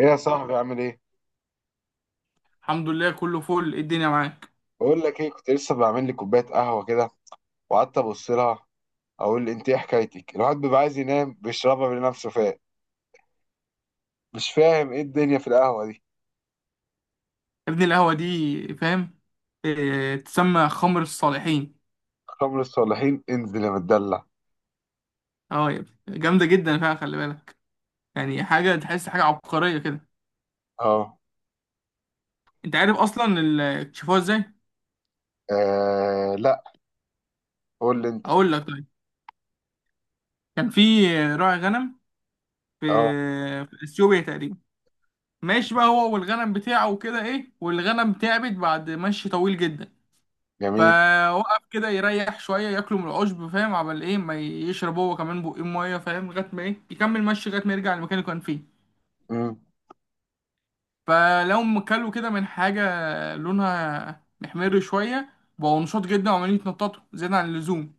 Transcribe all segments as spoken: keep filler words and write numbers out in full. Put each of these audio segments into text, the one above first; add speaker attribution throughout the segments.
Speaker 1: ايه يا صاحبي؟ عامل ايه؟
Speaker 2: الحمد لله، كله فل. إيه الدنيا معاك؟
Speaker 1: بقول لك ايه، كنت لسه بعمل لي كوبايه قهوه كده، وقعدت ابص لها، اقول انت ايه حكايتك. الواحد بيبقى عايز ينام بيشربها بنفسه، فاهم؟ مش فاهم ايه الدنيا في القهوه دي.
Speaker 2: يا ابني، القهوة دي، فاهم؟ إيه؟ تسمى خمر الصالحين.
Speaker 1: خمر الصالحين؟ انزل يا متدلع.
Speaker 2: اه يا ابني، جامدة جدا فعلا، خلي بالك. يعني حاجة تحس حاجة عبقرية كده.
Speaker 1: اه.
Speaker 2: انت عارف اصلا ال- اكتشفوها ازاي؟
Speaker 1: آه، لا. قول لي انت.
Speaker 2: اقول لك، طيب. كان في راعي غنم في
Speaker 1: اه.
Speaker 2: في اثيوبيا تقريبا. ماشي بقى، هو والغنم بتاعه وكده ايه، والغنم تعبت بعد مشي طويل جدا.
Speaker 1: جميل.
Speaker 2: فوقف كده يريح شويه، ياكلوا من العشب، فاهم؟ عمل ايه؟ ما يشرب هو كمان بقين ميه، فاهم؟ لغايه ما ايه، يكمل مشي لغايه ما يرجع المكان اللي كان فيه.
Speaker 1: امم.
Speaker 2: فلو م- كلوا كده من حاجة لونها محمر شوية، بقوا نشاط جدا وعمالين يتنططوا زيادة عن اللزوم.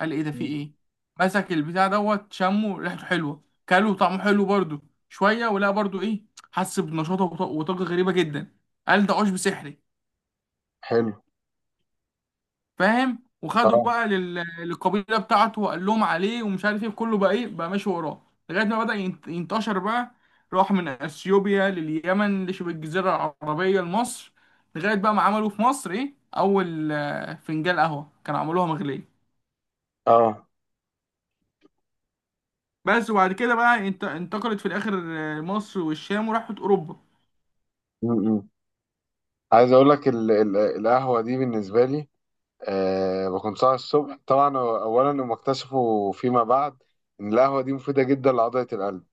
Speaker 2: قال: ايه ده؟ في ايه؟ مسك البتاع دوت، شمه، ريحته حلوة، كلوا طعمه حلو برضو. شوية ولقى برضو ايه، حس بنشاطه وط- وطاقة غريبة جدا. قال ده عشب سحري.
Speaker 1: حلو.
Speaker 2: فاهم؟ وخدوا
Speaker 1: اه.
Speaker 2: بقى لل... للقبيله بتاعته، وقال لهم عليه ومش عارف ايه، كله بقى ايه، بقى ماشي وراه. لغايه ما بدأ ينت- ينتشر بقى. راح من اثيوبيا لليمن، لشبه الجزيره العربيه، لمصر. لغايه بقى ما عملوا في مصر ايه، اول آه، فنجان قهوه كانوا عملوها مغليه
Speaker 1: اه.
Speaker 2: بس. وبعد كده بقى انت... انتقلت في الاخر. آه، مصر والشام وراحت اوروبا.
Speaker 1: امم. عايز اقول لك ال- ال- القهوه دي بالنسبه لي، آه بكون صاحي الصبح طبعا. اولا هم اكتشفوا فيما بعد ان القهوه دي مفيده جدا لعضله القلب،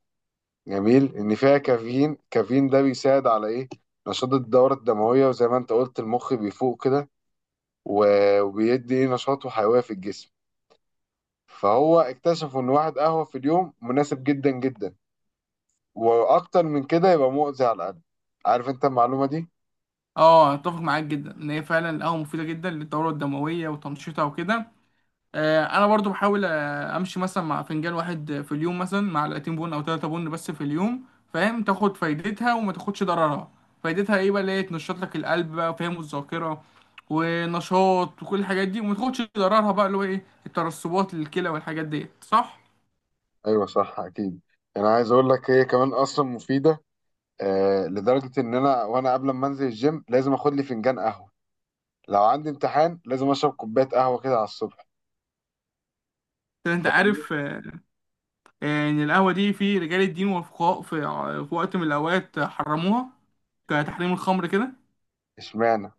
Speaker 1: جميل، ان فيها كافيين. كافيين ده بيساعد على ايه؟ نشاط الدوره الدمويه، وزي ما انت قلت، المخ بيفوق كده، و- وبيدي ايه؟ نشاط وحيويه في الجسم. فهو اكتشفوا ان واحد قهوه في اليوم مناسب جدا جدا، واكتر من كده يبقى مؤذي على القلب. عارف انت المعلومه دي؟
Speaker 2: اه، اتفق معاك جدا، ان هي فعلا القهوه مفيده جدا للدوره الدمويه وتنشيطها وكده. آه، انا برضو بحاول آه، امشي مثلا مع فنجان واحد في اليوم، مثلا مع معلقتين بن او ثلاثة بن بس في اليوم. فاهم؟ تاخد فايدتها وما تاخدش ضررها. فايدتها ايه بقى؟ اللي هي تنشط لك القلب بقى، فاهم؟ والذاكره ونشاط وكل الحاجات دي. وما تاخدش ضررها بقى اللي هو ايه، الترسبات للكلى والحاجات ديت، صح؟
Speaker 1: ايوه، صح، اكيد. انا عايز اقول لك هي كمان اصلا مفيده. آه لدرجه ان انا، وانا قبل ما انزل الجيم لازم اخد لي فنجان قهوه، لو عندي امتحان لازم اشرب كوبايه قهوه كده على الصبح.
Speaker 2: عشان انت
Speaker 1: فاهمني؟
Speaker 2: عارف آه، آه، ان القهوه دي في رجال الدين وفقهاء في آه، في وقت من الاوقات حرموها، كتحريم الخمر كده.
Speaker 1: اشمعنى؟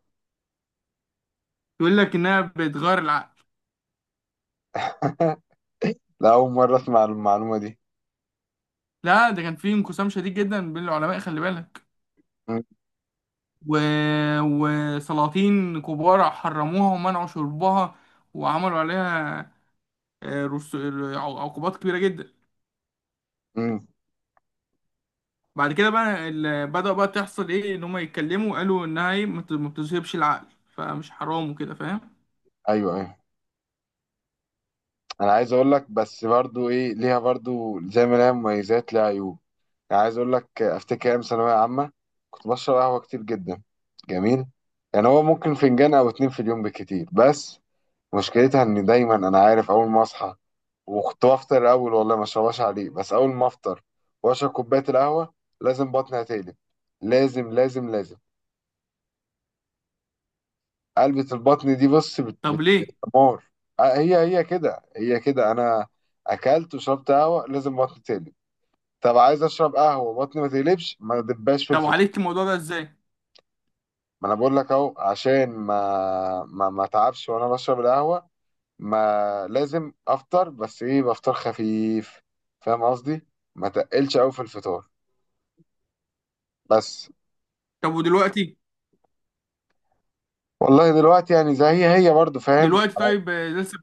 Speaker 2: يقول لك انها بتغير العقل.
Speaker 1: لا، أول مرة أسمع المعلومة دي.
Speaker 2: لا، ده كان في انقسام شديد جدا بين العلماء، خلي بالك.
Speaker 1: مم.
Speaker 2: و... وسلاطين كبار حرموها ومنعوا شربها، وعملوا عليها آه، رس... عقوبات كبيرة جدا.
Speaker 1: مم.
Speaker 2: بعد كده بقى ال... بدأ بقى تحصل ايه، ان هم يتكلموا قالوا انها ايه، ما بت- ما بتذهبش العقل، فمش حرام وكده، فاهم؟
Speaker 1: أيوه، أيوه. أنا عايز أقول لك بس برضو إيه، ليها برضو زي ما ليها مميزات ليها عيوب. يعني عايز أقول لك، أفتكر أيام ثانوية عامة كنت بشرب قهوة كتير جدا. جميل. يعني هو ممكن فنجان أو اتنين في اليوم بالكتير بس. مشكلتها إن دايما أنا عارف أول ما أصحى، وكنت بفطر أول، والله ما أشربهاش عليه، بس أول ما أفطر وأشرب كوباية القهوة لازم بطني هتقلب. لازم، لازم، لازم. قلبة البطن دي، بص، بت بت،
Speaker 2: طب ليه؟
Speaker 1: دمار. آه، هي هي كده، هي كده، انا اكلت وشربت قهوه لازم بطني تقلب. طب عايز اشرب قهوه بطني ما تقلبش، ما دباش في
Speaker 2: طب
Speaker 1: الفطار.
Speaker 2: وعالجت الموضوع ده ازاي؟
Speaker 1: ما انا بقول لك اهو، عشان ما ما ما اتعبش وانا بشرب القهوه ما لازم افطر، بس ايه، بفطر خفيف. فاهم قصدي؟ ما تقلش قوي في الفطار بس.
Speaker 2: طب ودلوقتي؟
Speaker 1: والله دلوقتي يعني زي، هي هي برضو، فاهم؟
Speaker 2: دلوقتي طيب آه، لسه؟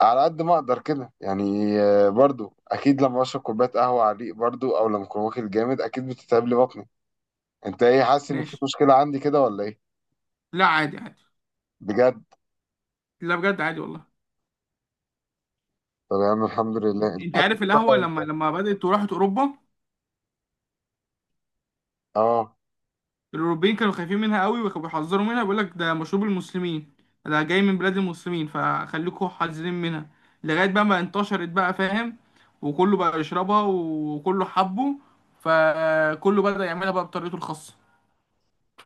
Speaker 1: على قد ما اقدر كده يعني. آه، برضو اكيد لما اشرب كوبايه قهوه على الريق برضو، او لما اكون واكل جامد، اكيد بتتعب لي بطني. انت ايه؟ حاسس ان في
Speaker 2: ماشي.
Speaker 1: مشكله عندي كده ولا ايه؟
Speaker 2: لا، عادي، عادي.
Speaker 1: بجد؟
Speaker 2: لا، بجد عادي والله.
Speaker 1: طب يا عم، الحمد لله. انت
Speaker 2: انت
Speaker 1: بتحب
Speaker 2: عارف، القهوة
Speaker 1: تشربها
Speaker 2: لما
Speaker 1: امتى؟
Speaker 2: لما بدأت وراحت اوروبا،
Speaker 1: اه.
Speaker 2: الاوروبيين كانوا خايفين منها قوي، وكانوا بيحذروا منها، بيقول لك ده مشروب المسلمين، ده جاي من بلاد المسلمين، فخليكوا حذرين منها. لغايه بقى ما انتشرت بقى، فاهم؟ وكله بقى يشربها وكله حبه. فكله بدأ يعملها بقى بطريقته الخاصه.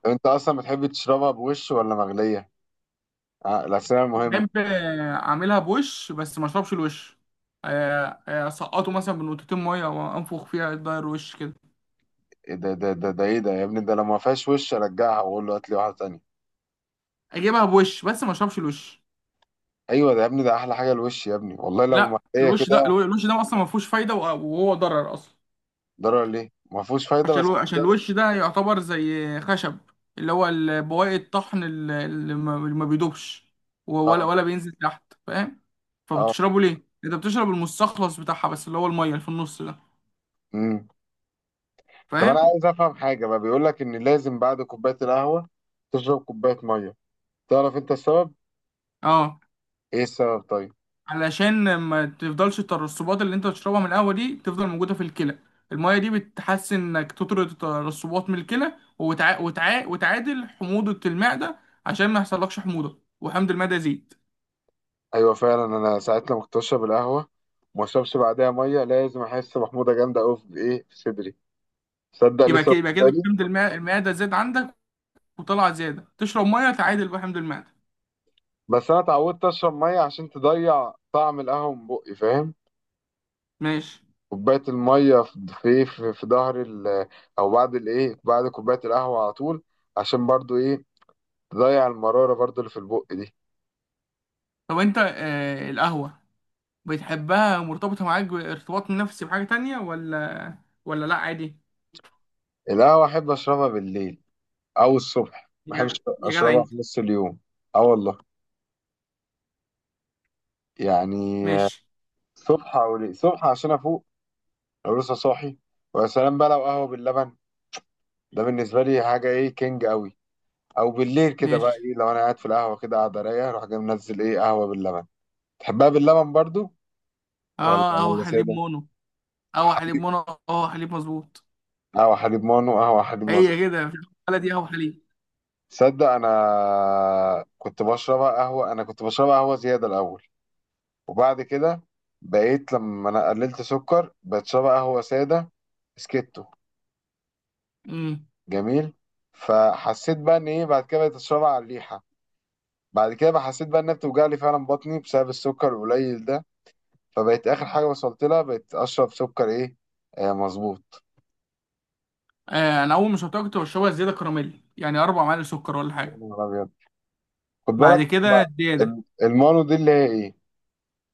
Speaker 1: طب انت اصلا بتحب تشربها بوش ولا مغليه؟ آه، الاسئله المهمه.
Speaker 2: بحب آه، اعملها بوش، بس ما اشربش الوش. آه، آه، اسقطه مثلا بنقطتين ميه وانفخ فيها، يتغير وش كده.
Speaker 1: إيه ده ده ده ده ايه ده يا ابني، ده لو ما فيهاش وش ارجعها واقول له هات لي واحده تانية.
Speaker 2: اجيبها بوش بس ما اشربش الوش.
Speaker 1: ايوه ده يا ابني، ده احلى حاجه الوش يا ابني، والله لو
Speaker 2: لا،
Speaker 1: مغليه
Speaker 2: الوش ده،
Speaker 1: كده.
Speaker 2: الوش ده اصلا ما فيهوش فايده، وهو ضرر اصلا.
Speaker 1: ضرر ليه؟ ما فيهوش فايده
Speaker 2: عشان
Speaker 1: بس
Speaker 2: الو...
Speaker 1: مش
Speaker 2: عشان
Speaker 1: ضرر.
Speaker 2: الوش ده يعتبر زي خشب، اللي هو ال- بواقي الطحن ال- اللي ما اللي ما بيدوبش، و- ولا
Speaker 1: اه.
Speaker 2: ولا بينزل تحت، فاهم؟
Speaker 1: اه.
Speaker 2: فبتشربه ليه؟ انت بتشرب المستخلص بتاعها بس، اللي هو الميه اللي في النص ده.
Speaker 1: امم. طب انا
Speaker 2: فاهم؟
Speaker 1: عايز افهم حاجه بقى، بيقول لك ان لازم بعد كوبايه القهوه تشرب كوبايه ميه. تعرف انت السبب؟
Speaker 2: اه.
Speaker 1: ايه السبب طيب؟
Speaker 2: علشان ما تفضلش الترسبات اللي انت بتشربها من القهوه دي تفضل موجوده في الكلى. الميه دي بتحسن انك تطرد الترسبات من الكلى وتع... وتع... وتعادل حموضه المعده، عشان ما يحصلكش حموضه وحمض المعده يزيد.
Speaker 1: ايوه فعلا، انا ساعات لما كنت اشرب القهوه وما اشربش بعدها ميه لازم احس محموضه جامده قوي في ايه، في صدري. تصدق
Speaker 2: يبقى
Speaker 1: لسه
Speaker 2: كده
Speaker 1: واخد
Speaker 2: يبقى كده
Speaker 1: بالي.
Speaker 2: حمض المع- المعده زاد عندك، وطلع زيادة، تشرب مية تعادل بقى حمض المعدة.
Speaker 1: بس انا اتعودت اشرب ميه عشان تضيع طعم القهوه من بقي، فاهم.
Speaker 2: ماشي.
Speaker 1: كوبايه الميه في في في, في ظهر ال- او بعد الايه، بعد كوبايه القهوه على طول، عشان برضو ايه؟ تضيع المراره برضو اللي في البق دي.
Speaker 2: طب انت آه القهوة بتحبها مرتبطة معاك بارتباط نفسي بحاجة تانية، ولا ولا لأ عادي؟
Speaker 1: القهوه احب اشربها بالليل او الصبح، ما
Speaker 2: يا
Speaker 1: بحبش
Speaker 2: جدع يا جدع
Speaker 1: اشربها
Speaker 2: انت.
Speaker 1: في نص اليوم. اه والله، يعني آه،
Speaker 2: ماشي،
Speaker 1: الصبح او ليه؟ الصبح عشان افوق، لو لسه صاحي. ويا سلام بقى لو قهوه باللبن، ده بالنسبه لي حاجه ايه، كينج قوي. او بالليل كده بقى
Speaker 2: ماشي.
Speaker 1: ايه، لو انا قاعد في القهوه كده قاعد رايقه اروح جاي منزل ايه، قهوه باللبن. تحبها باللبن برضو؟ ولا
Speaker 2: اه، قهوة
Speaker 1: ولا
Speaker 2: حليب
Speaker 1: ساده.
Speaker 2: مونو، قهوة حليب
Speaker 1: حليب.
Speaker 2: مونو، قهوة حليب مظبوط.
Speaker 1: قهوه حليب مانو، قهوه حليب مظبوط.
Speaker 2: هي كده في الحالة دي قهوة حليب.
Speaker 1: تصدق انا كنت بشربها قهوه انا كنت بشربها قهوه زياده الاول، وبعد كده بقيت لما انا قللت سكر بتشرب قهوه ساده سكتو.
Speaker 2: امم.
Speaker 1: جميل. فحسيت بقى ان ايه، بعد كده بقيت اشربها على الريحه. بعد كده بقى حسيت بقى انها بتوجع لي فعلا بطني بسبب السكر القليل ده، فبقيت اخر حاجه وصلت لها بقيت اشرب سكر ايه، آه، مظبوط.
Speaker 2: آه انا اول ما شربتها كنت بشربها زيادة كراميل، يعني اربع معالق سكر ولا
Speaker 1: يا
Speaker 2: حاجة.
Speaker 1: نهار ابيض. خد
Speaker 2: بعد
Speaker 1: بالك
Speaker 2: كده
Speaker 1: بقى،
Speaker 2: زيادة.
Speaker 1: ال- المانو دي اللي هي ايه،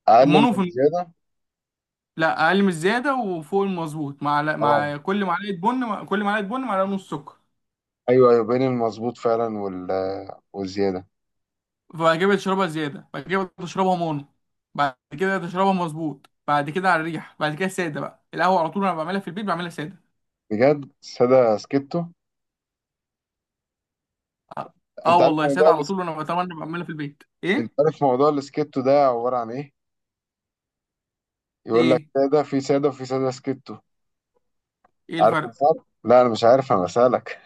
Speaker 1: اقل من
Speaker 2: المونو في.
Speaker 1: الزياده.
Speaker 2: لا، اقل من الزياده وفوق المظبوط، مع
Speaker 1: اه.
Speaker 2: مع كل معلقه بن كل معلقه بن معلقه ونص سكر.
Speaker 1: ايوه، ايوه، بين المظبوط فعلا وال، والزياده.
Speaker 2: بعد كده بتشربها زياده، بعد كده بتشربها مونو، بعد كده تشربها مظبوط، بعد كده على الريح، بعد كده ساده بقى. القهوه على طول انا بعملها في البيت، بعملها ساده.
Speaker 1: بجد؟ ساده سكتو.
Speaker 2: اه. آه
Speaker 1: انت عارف
Speaker 2: والله ساده
Speaker 1: موضوع
Speaker 2: على طول، وانا بتمنى بعملها في البيت
Speaker 1: انت
Speaker 2: ايه.
Speaker 1: عارف موضوع السكيتو ده عبارة عن ايه؟ يقول لك
Speaker 2: ايه،
Speaker 1: سادة في سادة وفي سادة سكيتو.
Speaker 2: ايه
Speaker 1: عارف
Speaker 2: الفرق؟
Speaker 1: الفرق؟ لا انا مش عارف، انا بسألك.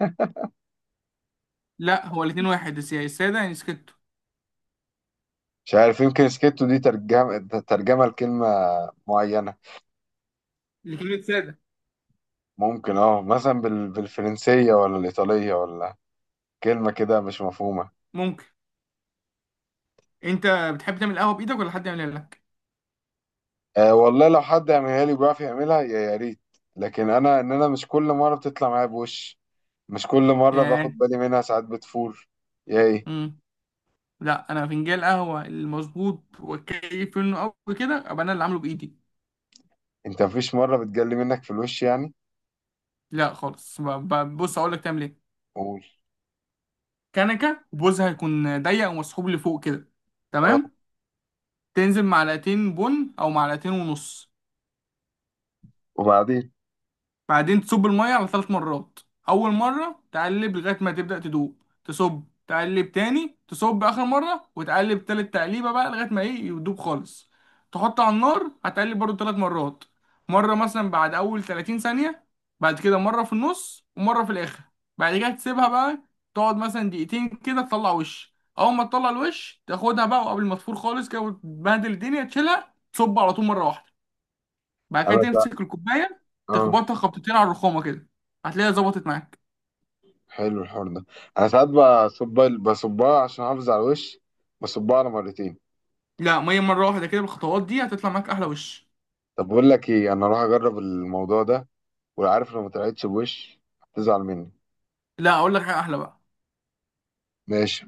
Speaker 2: لا، هو الاتنين واحد، الس- الساده يعني سكتو.
Speaker 1: مش عارف، يمكن سكيتو دي ترجمة ترجمة لكلمة معينة.
Speaker 2: الاتنين ساده.
Speaker 1: ممكن اه، مثلا بال... بالفرنسية ولا الإيطالية، ولا كلمة كده مش مفهومة.
Speaker 2: ممكن. انت بتحب تعمل قهوه بايدك ولا حد يعملها لك؟
Speaker 1: آه والله، لو حد يعملها لي وبيعرف يعملها يا يا ريت، لكن انا ان انا مش كل مرة بتطلع معايا بوش، مش كل مرة
Speaker 2: ياه.
Speaker 1: باخد بالي منها، ساعات بتفور. يا ايه؟
Speaker 2: إمم. لا، انا فنجان القهوه المظبوط وكيف، انه قوي كده، ابقى انا اللي عامله بايدي.
Speaker 1: انت مفيش مرة بتجلي منك في الوش يعني؟
Speaker 2: لا خالص، ب- ب- بص اقول لك تعمل ايه.
Speaker 1: قول.
Speaker 2: كنكه بوزها هيكون ضيق ومسحوب لفوق كده.
Speaker 1: اه.
Speaker 2: تمام. تنزل معلقتين بن او معلقتين ونص.
Speaker 1: وبعدين؟
Speaker 2: بعدين تصب المية على ثلاث مرات. أول مرة تقلب لغاية ما تبدأ تدوب، تصب تقلب تاني، تصب آخر مرة وتقلب تالت تقليبة بقى لغاية ما إيه يدوب خالص. تحط على النار، هتقلب برضو ثلاث مرات. مرة مثلا بعد أول تلاتين ثانية، بعد كده مرة في النص ومرة في الآخر. بعد كده تسيبها بقى، تقعد مثلا دقيقتين كده، تطلع وش. أول ما تطلع الوش تاخدها بقى، وقبل ما تفور خالص كده وتبهدل الدنيا، تشيلها تصب على طول مرة واحدة. بعد كده
Speaker 1: انا سا...
Speaker 2: تمسك الكوبايه،
Speaker 1: اه.
Speaker 2: تخبطها خبطتين على الرخامه كده، هتلاقيها ظبطت معاك.
Speaker 1: حلو الحوار ده. انا ساعات بصب، بصبها عشان احافظ على الوش، بصبها على مرتين.
Speaker 2: لا، ما هي مره واحده كده، بالخطوات دي هتطلع معاك احلى وش.
Speaker 1: طب بقول لك ايه، انا اروح اجرب الموضوع ده، وعارف لو ما طلعتش بوش هتزعل مني.
Speaker 2: لا، اقول لك حاجه احلى بقى.
Speaker 1: ماشي.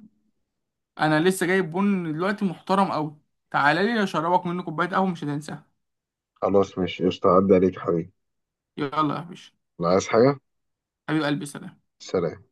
Speaker 2: انا لسه جايب بن دلوقتي محترم قوي. تعالى لي اشربك منه كوبايه قهوه مش هتنساها.
Speaker 1: خلاص ماشي قشطة، عدى عليك يا حبيبي.
Speaker 2: يلا يا باشا.
Speaker 1: لا عايز حاجة.
Speaker 2: حبيب قلبي، سلام.
Speaker 1: سلام.